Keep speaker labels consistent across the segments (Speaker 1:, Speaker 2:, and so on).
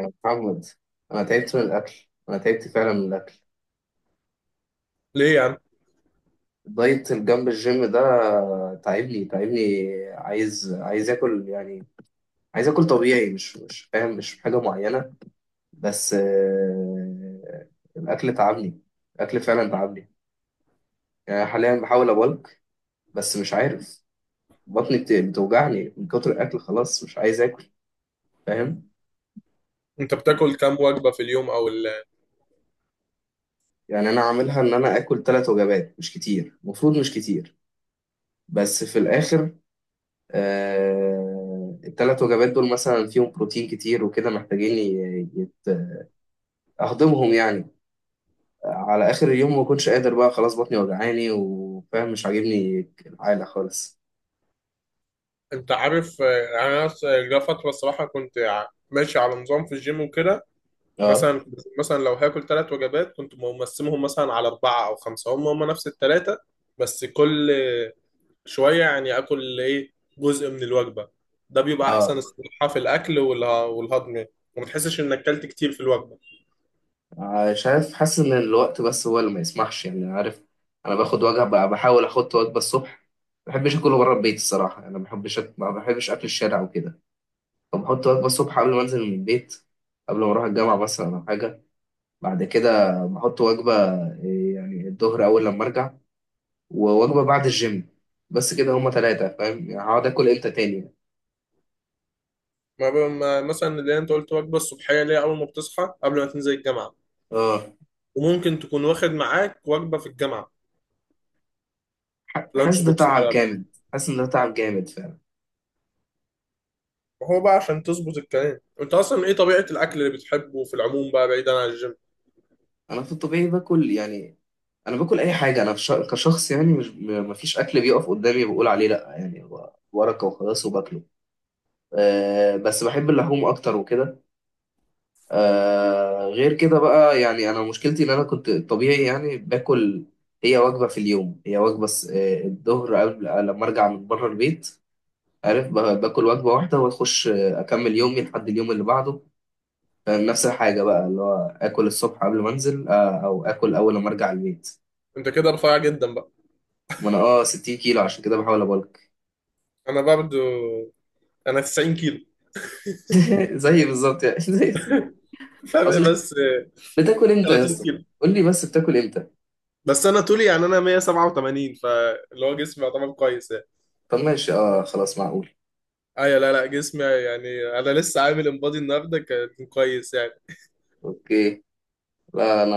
Speaker 1: يا محمد، انا تعبت من الاكل، انا تعبت فعلا من الاكل.
Speaker 2: ليه يا عم؟
Speaker 1: دايت الجنب الجيم ده تعبني تعبني، عايز عايز اكل يعني. عايز اكل طبيعي، مش فاهم، مش حاجه معينه، بس الاكل تعبني، الاكل فعلا تعبني. يعني حاليا بحاول ابلك بس مش عارف، بطني بتوجعني من كتر الاكل، خلاص مش عايز اكل. فاهم؟
Speaker 2: انت بتاكل كام وجبه في اليوم
Speaker 1: يعني انا عاملها ان انا اكل 3 وجبات، مش كتير، المفروض مش كتير. بس في الاخر الـ3 وجبات دول مثلا فيهم بروتين كتير وكده، محتاجين أهضمهم يعني على آخر اليوم. ما كنتش قادر بقى خلاص، بطني وجعاني، وفاهم مش عاجبني العالة خالص.
Speaker 2: انت عارف، انا جا فتره الصراحه كنت ماشي على نظام في الجيم وكده.
Speaker 1: اه.
Speaker 2: مثلا مثلا لو هاكل ثلاث وجبات كنت مقسمهم مثلا على اربعه او خمسه، هم نفس الثلاثه، بس كل شويه يعني، اكل ايه جزء من الوجبه. ده بيبقى
Speaker 1: اه.
Speaker 2: احسن الصراحه في الاكل والهضم، وما تحسش انك اكلت كتير في الوجبه.
Speaker 1: شايف، حاسس إن الوقت بس هو اللي ما يسمحش، يعني عارف. أنا باخد وجبة بقى، بحاول أحط وجبة الصبح، ما بحبش أكله بره البيت الصراحة يعني. أنا ما بحبش أكل الشارع وكده. فبحط وجبة الصبح قبل ما أنزل من البيت، قبل ما أروح الجامعة مثلا أو حاجة. بعد كده بحط وجبة، إيه، يعني الظهر أول لما أرجع، ووجبة بعد الجيم. بس كده هما تلاتة. فاهم يعني؟ هقعد آكل إمتى تاني يعني.
Speaker 2: ما ب- ما- مثلا اللي انت قلت وجبه الصبحيه، اللي هي اول ما بتصحى قبل ما تنزل الجامعه،
Speaker 1: اه.
Speaker 2: وممكن تكون واخد معاك وجبة في الجامعة،
Speaker 1: حاسس
Speaker 2: لانش
Speaker 1: ده
Speaker 2: بوكس
Speaker 1: تعب
Speaker 2: كده بقى.
Speaker 1: جامد. حاسس إن ده تعب جامد فعلا.
Speaker 2: هو بقى، عشان تظبط الكلام، انت اصلا ايه طبيعة الاكل اللي بتحبه في العموم بقى بعيدا عن الجيم؟
Speaker 1: أنا في الطبيعي باكل يعني، أنا باكل أي حاجة. أنا كشخص يعني، مش م- مفيش أكل بيقف قدامي بقول عليه لأ، يعني هو ورقة وخلاص وباكله. أه بس بحب اللحوم أكتر وكده. آه غير كده بقى، يعني انا مشكلتي ان انا كنت طبيعي يعني باكل هي وجبه في اليوم، هي وجبه س- آه، الظهر قبل لما ارجع من بره البيت، عارف، باكل وجبه واحده واخش، اكمل يومي لحد اليوم اللي بعده. فاهم؟ نفس الحاجه بقى اللي هو اكل الصبح قبل ما انزل، او اكل اول لما ارجع البيت.
Speaker 2: انت كده رفيع جدا بقى.
Speaker 1: ما انا اه 60 كيلو عشان كده بحاول ابلك.
Speaker 2: انا برضو، انا 90 كيلو.
Speaker 1: زي بالظبط يعني. زي.
Speaker 2: فرق
Speaker 1: اصل،
Speaker 2: بس
Speaker 1: بتاكل امتى يا
Speaker 2: 30
Speaker 1: اسطى؟
Speaker 2: كيلو.
Speaker 1: قول لي بس بتاكل امتى.
Speaker 2: بس انا طولي، يعني انا 187، فاللي هو جسمي يعتبر كويس يعني.
Speaker 1: طب ماشي، اه خلاص، معقول.
Speaker 2: ايوه، لا لا، جسمي يعني انا لسه عامل انبادي النهارده كان كويس يعني.
Speaker 1: اوكي. لا انا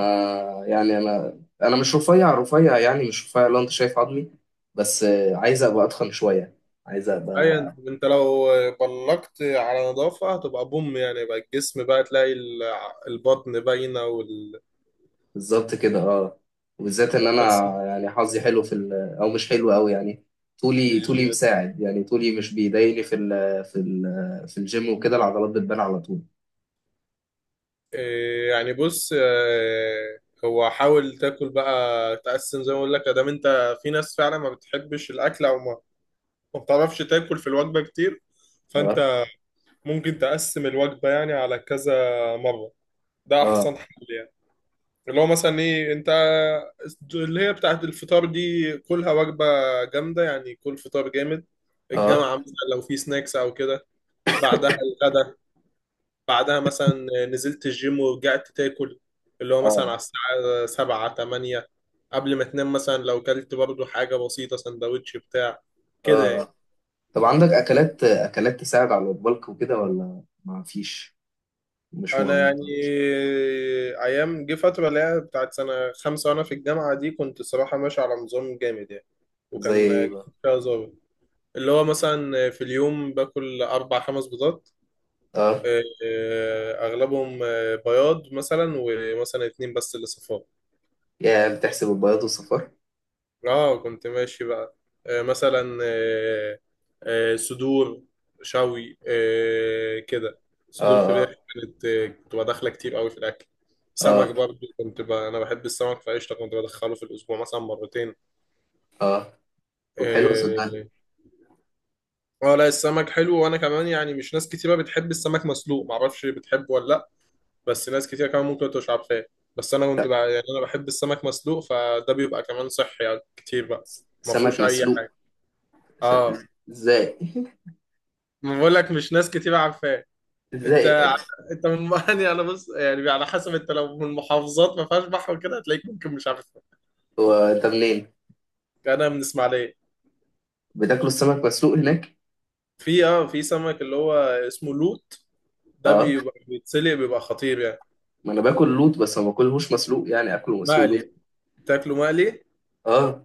Speaker 1: يعني، انا مش رفيع رفيع يعني، مش رفيع لو انت شايف عظمي، بس عايز ابقى اتخن شويه، عايز ابقى.
Speaker 2: ايوه، انت لو بلقت على نظافه هتبقى بوم يعني بقى الجسم، بقى تلاقي البطن باينه
Speaker 1: بالظبط كده اه. وبالذات ان انا
Speaker 2: بس،
Speaker 1: يعني حظي حلو في ال... او مش حلو قوي يعني. طولي، طولي مساعد يعني، طولي مش بيضايقني في ال... في ال... في الجيم وكده. العضلات بتبان على طول.
Speaker 2: إيه يعني، بص، هو حاول تاكل بقى، تقسم زي ما اقول لك، ادام انت في ناس فعلا ما بتحبش الاكل او ما بتعرفش تاكل في الوجبه كتير،
Speaker 1: اه.
Speaker 2: فانت ممكن تقسم الوجبه يعني على كذا مره، ده
Speaker 1: اه.
Speaker 2: احسن حل يعني. اللي هو مثلا ايه انت، اللي هي بتاعت الفطار دي كلها وجبه جامده يعني، كل فطار جامد.
Speaker 1: اه.
Speaker 2: الجامعه مثلا لو في سناكس او كده، بعدها الغدا، بعدها مثلا نزلت الجيم ورجعت تاكل، اللي هو مثلا
Speaker 1: اه.
Speaker 2: على الساعة سبعة تمانية، قبل ما تنام مثلا لو كلت برضو حاجة بسيطة، سندوتش بتاع كده يعني.
Speaker 1: اه. طب عندك اكلات اكلات تساعد على البلك وكده ولا ما فيش؟ مش
Speaker 2: أنا يعني
Speaker 1: مهم.
Speaker 2: أيام جه فترة اللي هي بتاعت سنة خمسة وأنا في الجامعة دي، كنت صراحة ماشي على نظام جامد يعني،
Speaker 1: زي
Speaker 2: وكان
Speaker 1: ايه بقى؟
Speaker 2: جسمي فيها ظابط. اللي هو مثلا في اليوم باكل أربع خمس بيضات.
Speaker 1: آه.
Speaker 2: أغلبهم بياض، مثلا ومثلا اتنين بس اللي صفار.
Speaker 1: يا بتحسب البياض والصفار؟
Speaker 2: اه، كنت ماشي بقى، مثلا، صدور، شوي كده،
Speaker 1: اه.
Speaker 2: صدور فراخ.
Speaker 1: اه.
Speaker 2: كانت آه كنت بدخلها كتير قوي في الاكل. سمك
Speaker 1: اه.
Speaker 2: برضو، انا بحب السمك فقشطه، كنت بدخله في الاسبوع مثلا مرتين.
Speaker 1: اه. طب حلو صدقني.
Speaker 2: اه، لا السمك حلو، وانا كمان يعني، مش ناس كتيره بتحب السمك مسلوق، معرفش بتحبه ولا لا. بس ناس كتير كمان ممكن تبقى مش عارفاه. بس انا كنت
Speaker 1: لا،
Speaker 2: بقى يعني، انا بحب السمك مسلوق، فده بيبقى كمان صحي يعني كتير بقى. ما
Speaker 1: سمك
Speaker 2: فيهوش اي
Speaker 1: مسلوق؟
Speaker 2: حاجه. اه،
Speaker 1: س- ازاي؟
Speaker 2: ما بقول لك مش ناس كتير عارفاه. انت
Speaker 1: ازاي؟ إيه ده؟
Speaker 2: انت من يعني، انا بص يعني، على حسب، انت لو من محافظات ما فيهاش بحر وكده هتلاقيك ممكن مش عارفها.
Speaker 1: هو انت منين؟
Speaker 2: انا من اسماعيليه.
Speaker 1: بتاكلوا السمك مسلوق هناك؟
Speaker 2: في سمك اللي هو اسمه لوت، ده
Speaker 1: اه.
Speaker 2: بيبقى بيتسلق، بيبقى خطير يعني.
Speaker 1: ما انا باكل لوط، بس ما باكلهوش مسلوق. يعني اكله مسلوق ليه؟
Speaker 2: مقلي، تاكله مقلي.
Speaker 1: اه.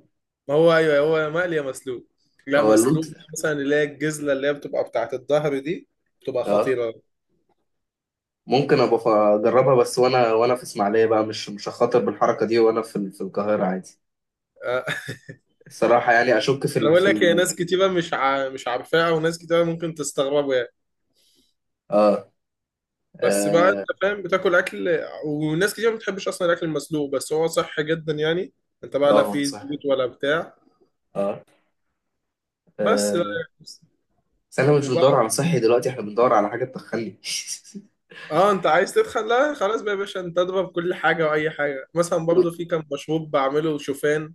Speaker 2: ما هو ايوه، هو مقلي يا مسلوق، لا
Speaker 1: هو اللوط؟
Speaker 2: مسلوق. مثلا اللي هي الجزله، اللي هي بتبقى بتاعت الظهر دي، بتبقى
Speaker 1: اه.
Speaker 2: خطيره.
Speaker 1: ممكن ابقى اجربها، بس وانا في اسماعيليه بقى. مش هخاطر بالحركه دي وانا في في القاهره عادي.
Speaker 2: آه.
Speaker 1: الصراحه يعني اشك في
Speaker 2: انا
Speaker 1: ال
Speaker 2: بقول
Speaker 1: في
Speaker 2: لك، هي
Speaker 1: ال
Speaker 2: ناس كتيره مش مش عارفاها، وناس كتيره ممكن تستغربوا.
Speaker 1: اه.
Speaker 2: بس بقى انت
Speaker 1: اه.
Speaker 2: فاهم، بتاكل اكل، وناس كتير ما بتحبش اصلا الاكل المسلوق، بس هو صحي جدا يعني، انت بقى لا
Speaker 1: اه هو
Speaker 2: فيه
Speaker 1: صح.
Speaker 2: زيوت ولا بتاع.
Speaker 1: اه.
Speaker 2: بس
Speaker 1: آه،
Speaker 2: بقى
Speaker 1: بس احنا مش بندور
Speaker 2: وبقى
Speaker 1: على صحي دلوقتي، احنا بندور على حاجة تدخلني.
Speaker 2: اه، انت عايز تدخن، لا خلاص بقى يا باشا، انت اضرب كل حاجه واي حاجه. مثلا
Speaker 1: و-
Speaker 2: برضو، في كان مشروب بعمله، شوفان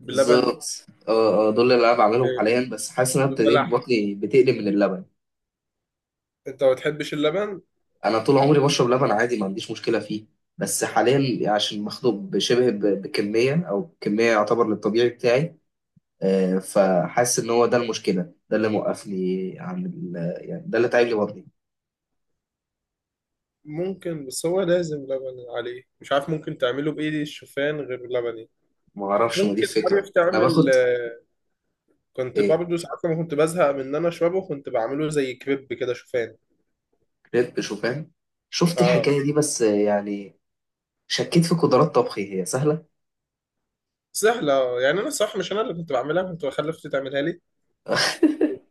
Speaker 2: بلبن
Speaker 1: بالظبط اه. اه، دول اللي انا بعملهم
Speaker 2: و-
Speaker 1: حاليا، بس حاسس ان انا ابتديت
Speaker 2: وبلح.
Speaker 1: بطني بتقلب من اللبن.
Speaker 2: انت ما بتحبش اللبن؟
Speaker 1: انا طول عمري بشرب لبن عادي، ما عنديش مشكله فيه. بس حاليا عشان مخنوق بشبه بكميه او كميه يعتبر للطبيعي بتاعي. فحاسس ان هو ده المشكله، ده اللي موقفني عن ال-، يعني ده اللي تعب لي بطني.
Speaker 2: ممكن، بس هو لازم لبن عليه، مش عارف، ممكن تعمله بايه الشوفان غير لبني؟
Speaker 1: ما اعرفش، ما دي
Speaker 2: ممكن، عارف
Speaker 1: الفكره، انا
Speaker 2: تعمل،
Speaker 1: باخد.
Speaker 2: كنت
Speaker 1: ايه،
Speaker 2: برضه ساعات لما كنت بزهق من ان انا اشربه كنت بعمله زي كريب كده شوفان.
Speaker 1: كريب شوفان؟ شفت
Speaker 2: اه،
Speaker 1: الحكايه دي، بس يعني شكيت في قدرات طبخي. هي سهلة.
Speaker 2: سهلة يعني، أنا صح مش أنا اللي كنت بعملها، كنت بخلي أختي تعملها لي.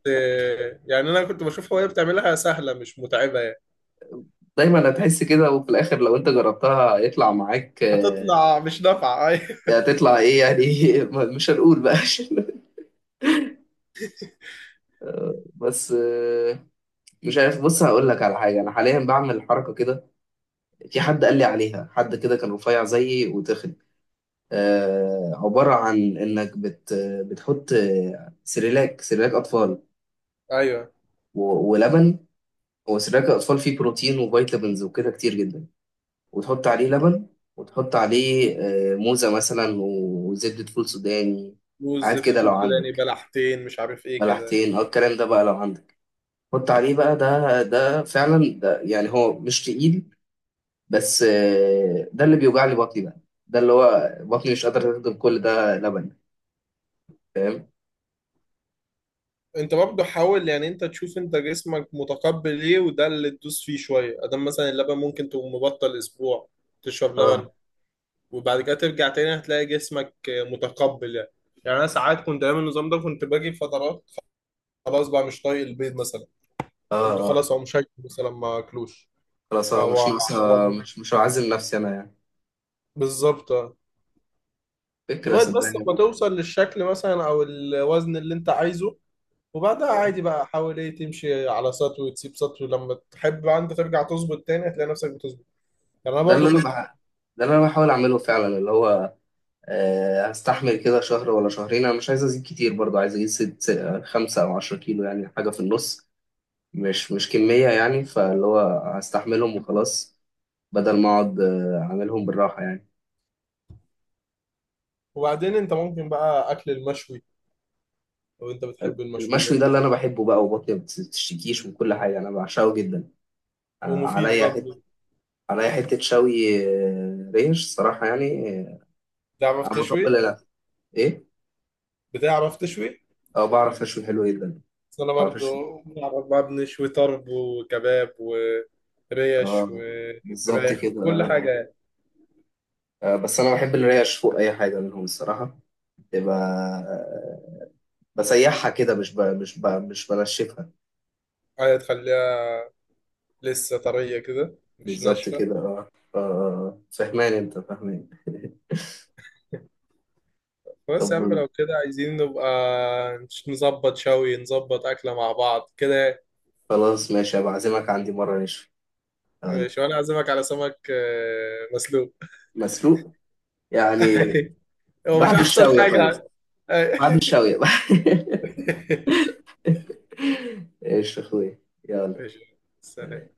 Speaker 2: إيه، يعني أنا كنت بشوفها وهي بتعملها سهلة، مش متعبة يعني.
Speaker 1: دايما هتحس كده، وفي الآخر لو أنت جربتها هيطلع معاك.
Speaker 2: هتطلع مش نافعة. أيوه،
Speaker 1: يعني هتطلع إيه يعني؟ مش هنقول بقى عشان-. بس مش عارف، بص هقول لك على حاجة أنا حاليا بعمل حركة كده. في حد قال لي عليها، حد كده كان رفيع زيي وتخن. عبارة عن إنك بت، بتحط سيريلاك سيريلاك أطفال
Speaker 2: أيوه.
Speaker 1: ولبن. هو سيريلاك الأطفال فيه بروتين وفيتامينز وكده كتير جدا. وتحط عليه لبن، وتحط عليه موزة مثلا وزبدة فول سوداني،
Speaker 2: موز،
Speaker 1: حاجات
Speaker 2: زبدة
Speaker 1: كده لو
Speaker 2: فول سوداني،
Speaker 1: عندك،
Speaker 2: بلحتين، مش عارف إيه كده.
Speaker 1: بلحتين أو الكلام ده بقى لو عندك. حط عليه بقى، ده فعلا ده يعني هو مش تقيل، بس ده اللي بيوجع لي بطني بقى، ده اللي هو بطني مش قادرة تهضم كل ده لبن. فاهم؟
Speaker 2: أنت برضه حاول يعني، أنت تشوف أنت جسمك متقبل إيه وده اللي تدوس فيه شوية. أدام مثلا اللبن، ممكن تقوم مبطل أسبوع تشرب
Speaker 1: اه.
Speaker 2: لبن، وبعد كده ترجع تاني هتلاقي جسمك متقبل يعني. يعني انا ساعات كنت ايام النظام ده كنت باجي فترات، خلاص بقى مش طايق البيض مثلا،
Speaker 1: اه.
Speaker 2: كنت
Speaker 1: اه
Speaker 2: خلاص او مش هاكل مثلا ما اكلوش
Speaker 1: خلاص، اه مش
Speaker 2: او
Speaker 1: ناقصة.
Speaker 2: أو-
Speaker 1: مش هعزم نفسي أنا يعني.
Speaker 2: بالظبط آه.
Speaker 1: فكرة
Speaker 2: لغايه بس ما
Speaker 1: صدقني.
Speaker 2: توصل للشكل مثلا او الوزن اللي انت عايزه، وبعدها
Speaker 1: آه.
Speaker 2: عادي بقى، حاول ايه تمشي على سطو، وتسيب سطو لما تحب بقى، انت ترجع تظبط تاني هتلاقي نفسك بتظبط. يعني انا
Speaker 1: ده اللي
Speaker 2: برضو
Speaker 1: أنا
Speaker 2: كنت،
Speaker 1: بح...، ده اللي أنا بحاول أعمله فعلا اللي هو هستحمل كده شهر ولا شهرين. انا مش عايز ازيد كتير برضو، عايز اجيب 5 أو 10 كيلو، يعني حاجة في النص. مش كمية يعني، فاللي هو هستحملهم وخلاص، بدل ما اقعد اعملهم بالراحة يعني.
Speaker 2: وبعدين انت ممكن بقى اكل المشوي لو انت بتحب
Speaker 1: المشوي ده
Speaker 2: المشويات،
Speaker 1: اللي انا بحبه بقى، وبطني ما بتشتكيش، وكل حاجة انا بعشقه جدا.
Speaker 2: ومفيد
Speaker 1: عليا حتة،
Speaker 2: برضه.
Speaker 1: عليا حتة شوي ريش الصراحة يعني،
Speaker 2: تعرف
Speaker 1: انا
Speaker 2: تشوي
Speaker 1: بطبل الاكل. ايه؟
Speaker 2: بتعرف تشوي؟
Speaker 1: اه بعرف اشوي، حلو جدا.
Speaker 2: بس انا
Speaker 1: بعرف
Speaker 2: برضه،
Speaker 1: اشوي.
Speaker 2: بعرف بقى، بنشوي طرب وكباب وريش
Speaker 1: اه بالظبط
Speaker 2: وفراخ
Speaker 1: كده
Speaker 2: وكل حاجة يعني.
Speaker 1: بس انا بحب الريش فوق اي حاجة منهم الصراحة. تبقى بسيحها كده، مش بنشفها.
Speaker 2: حاجة تخليها لسه طرية كده، مش
Speaker 1: بالظبط
Speaker 2: ناشفة.
Speaker 1: كده اه. اه فهمان انت، فهمان.
Speaker 2: بس يا عم
Speaker 1: طب
Speaker 2: لو كده عايزين نبقى نظبط شوي، نظبط أكلة مع بعض كده.
Speaker 1: خلاص ماشي، هبقى اعزمك عندي مرة نشوي. هقول لك.
Speaker 2: ماشي، وأنا أعزمك على سمك مسلوق.
Speaker 1: مسلوق يعني؟
Speaker 2: هو مش
Speaker 1: بعد
Speaker 2: أحسن
Speaker 1: الشاوية طيب،
Speaker 2: حاجة؟
Speaker 1: بعد الشاوية. ايش يا اخوي. يلا.
Speaker 2: ماشي، سلام.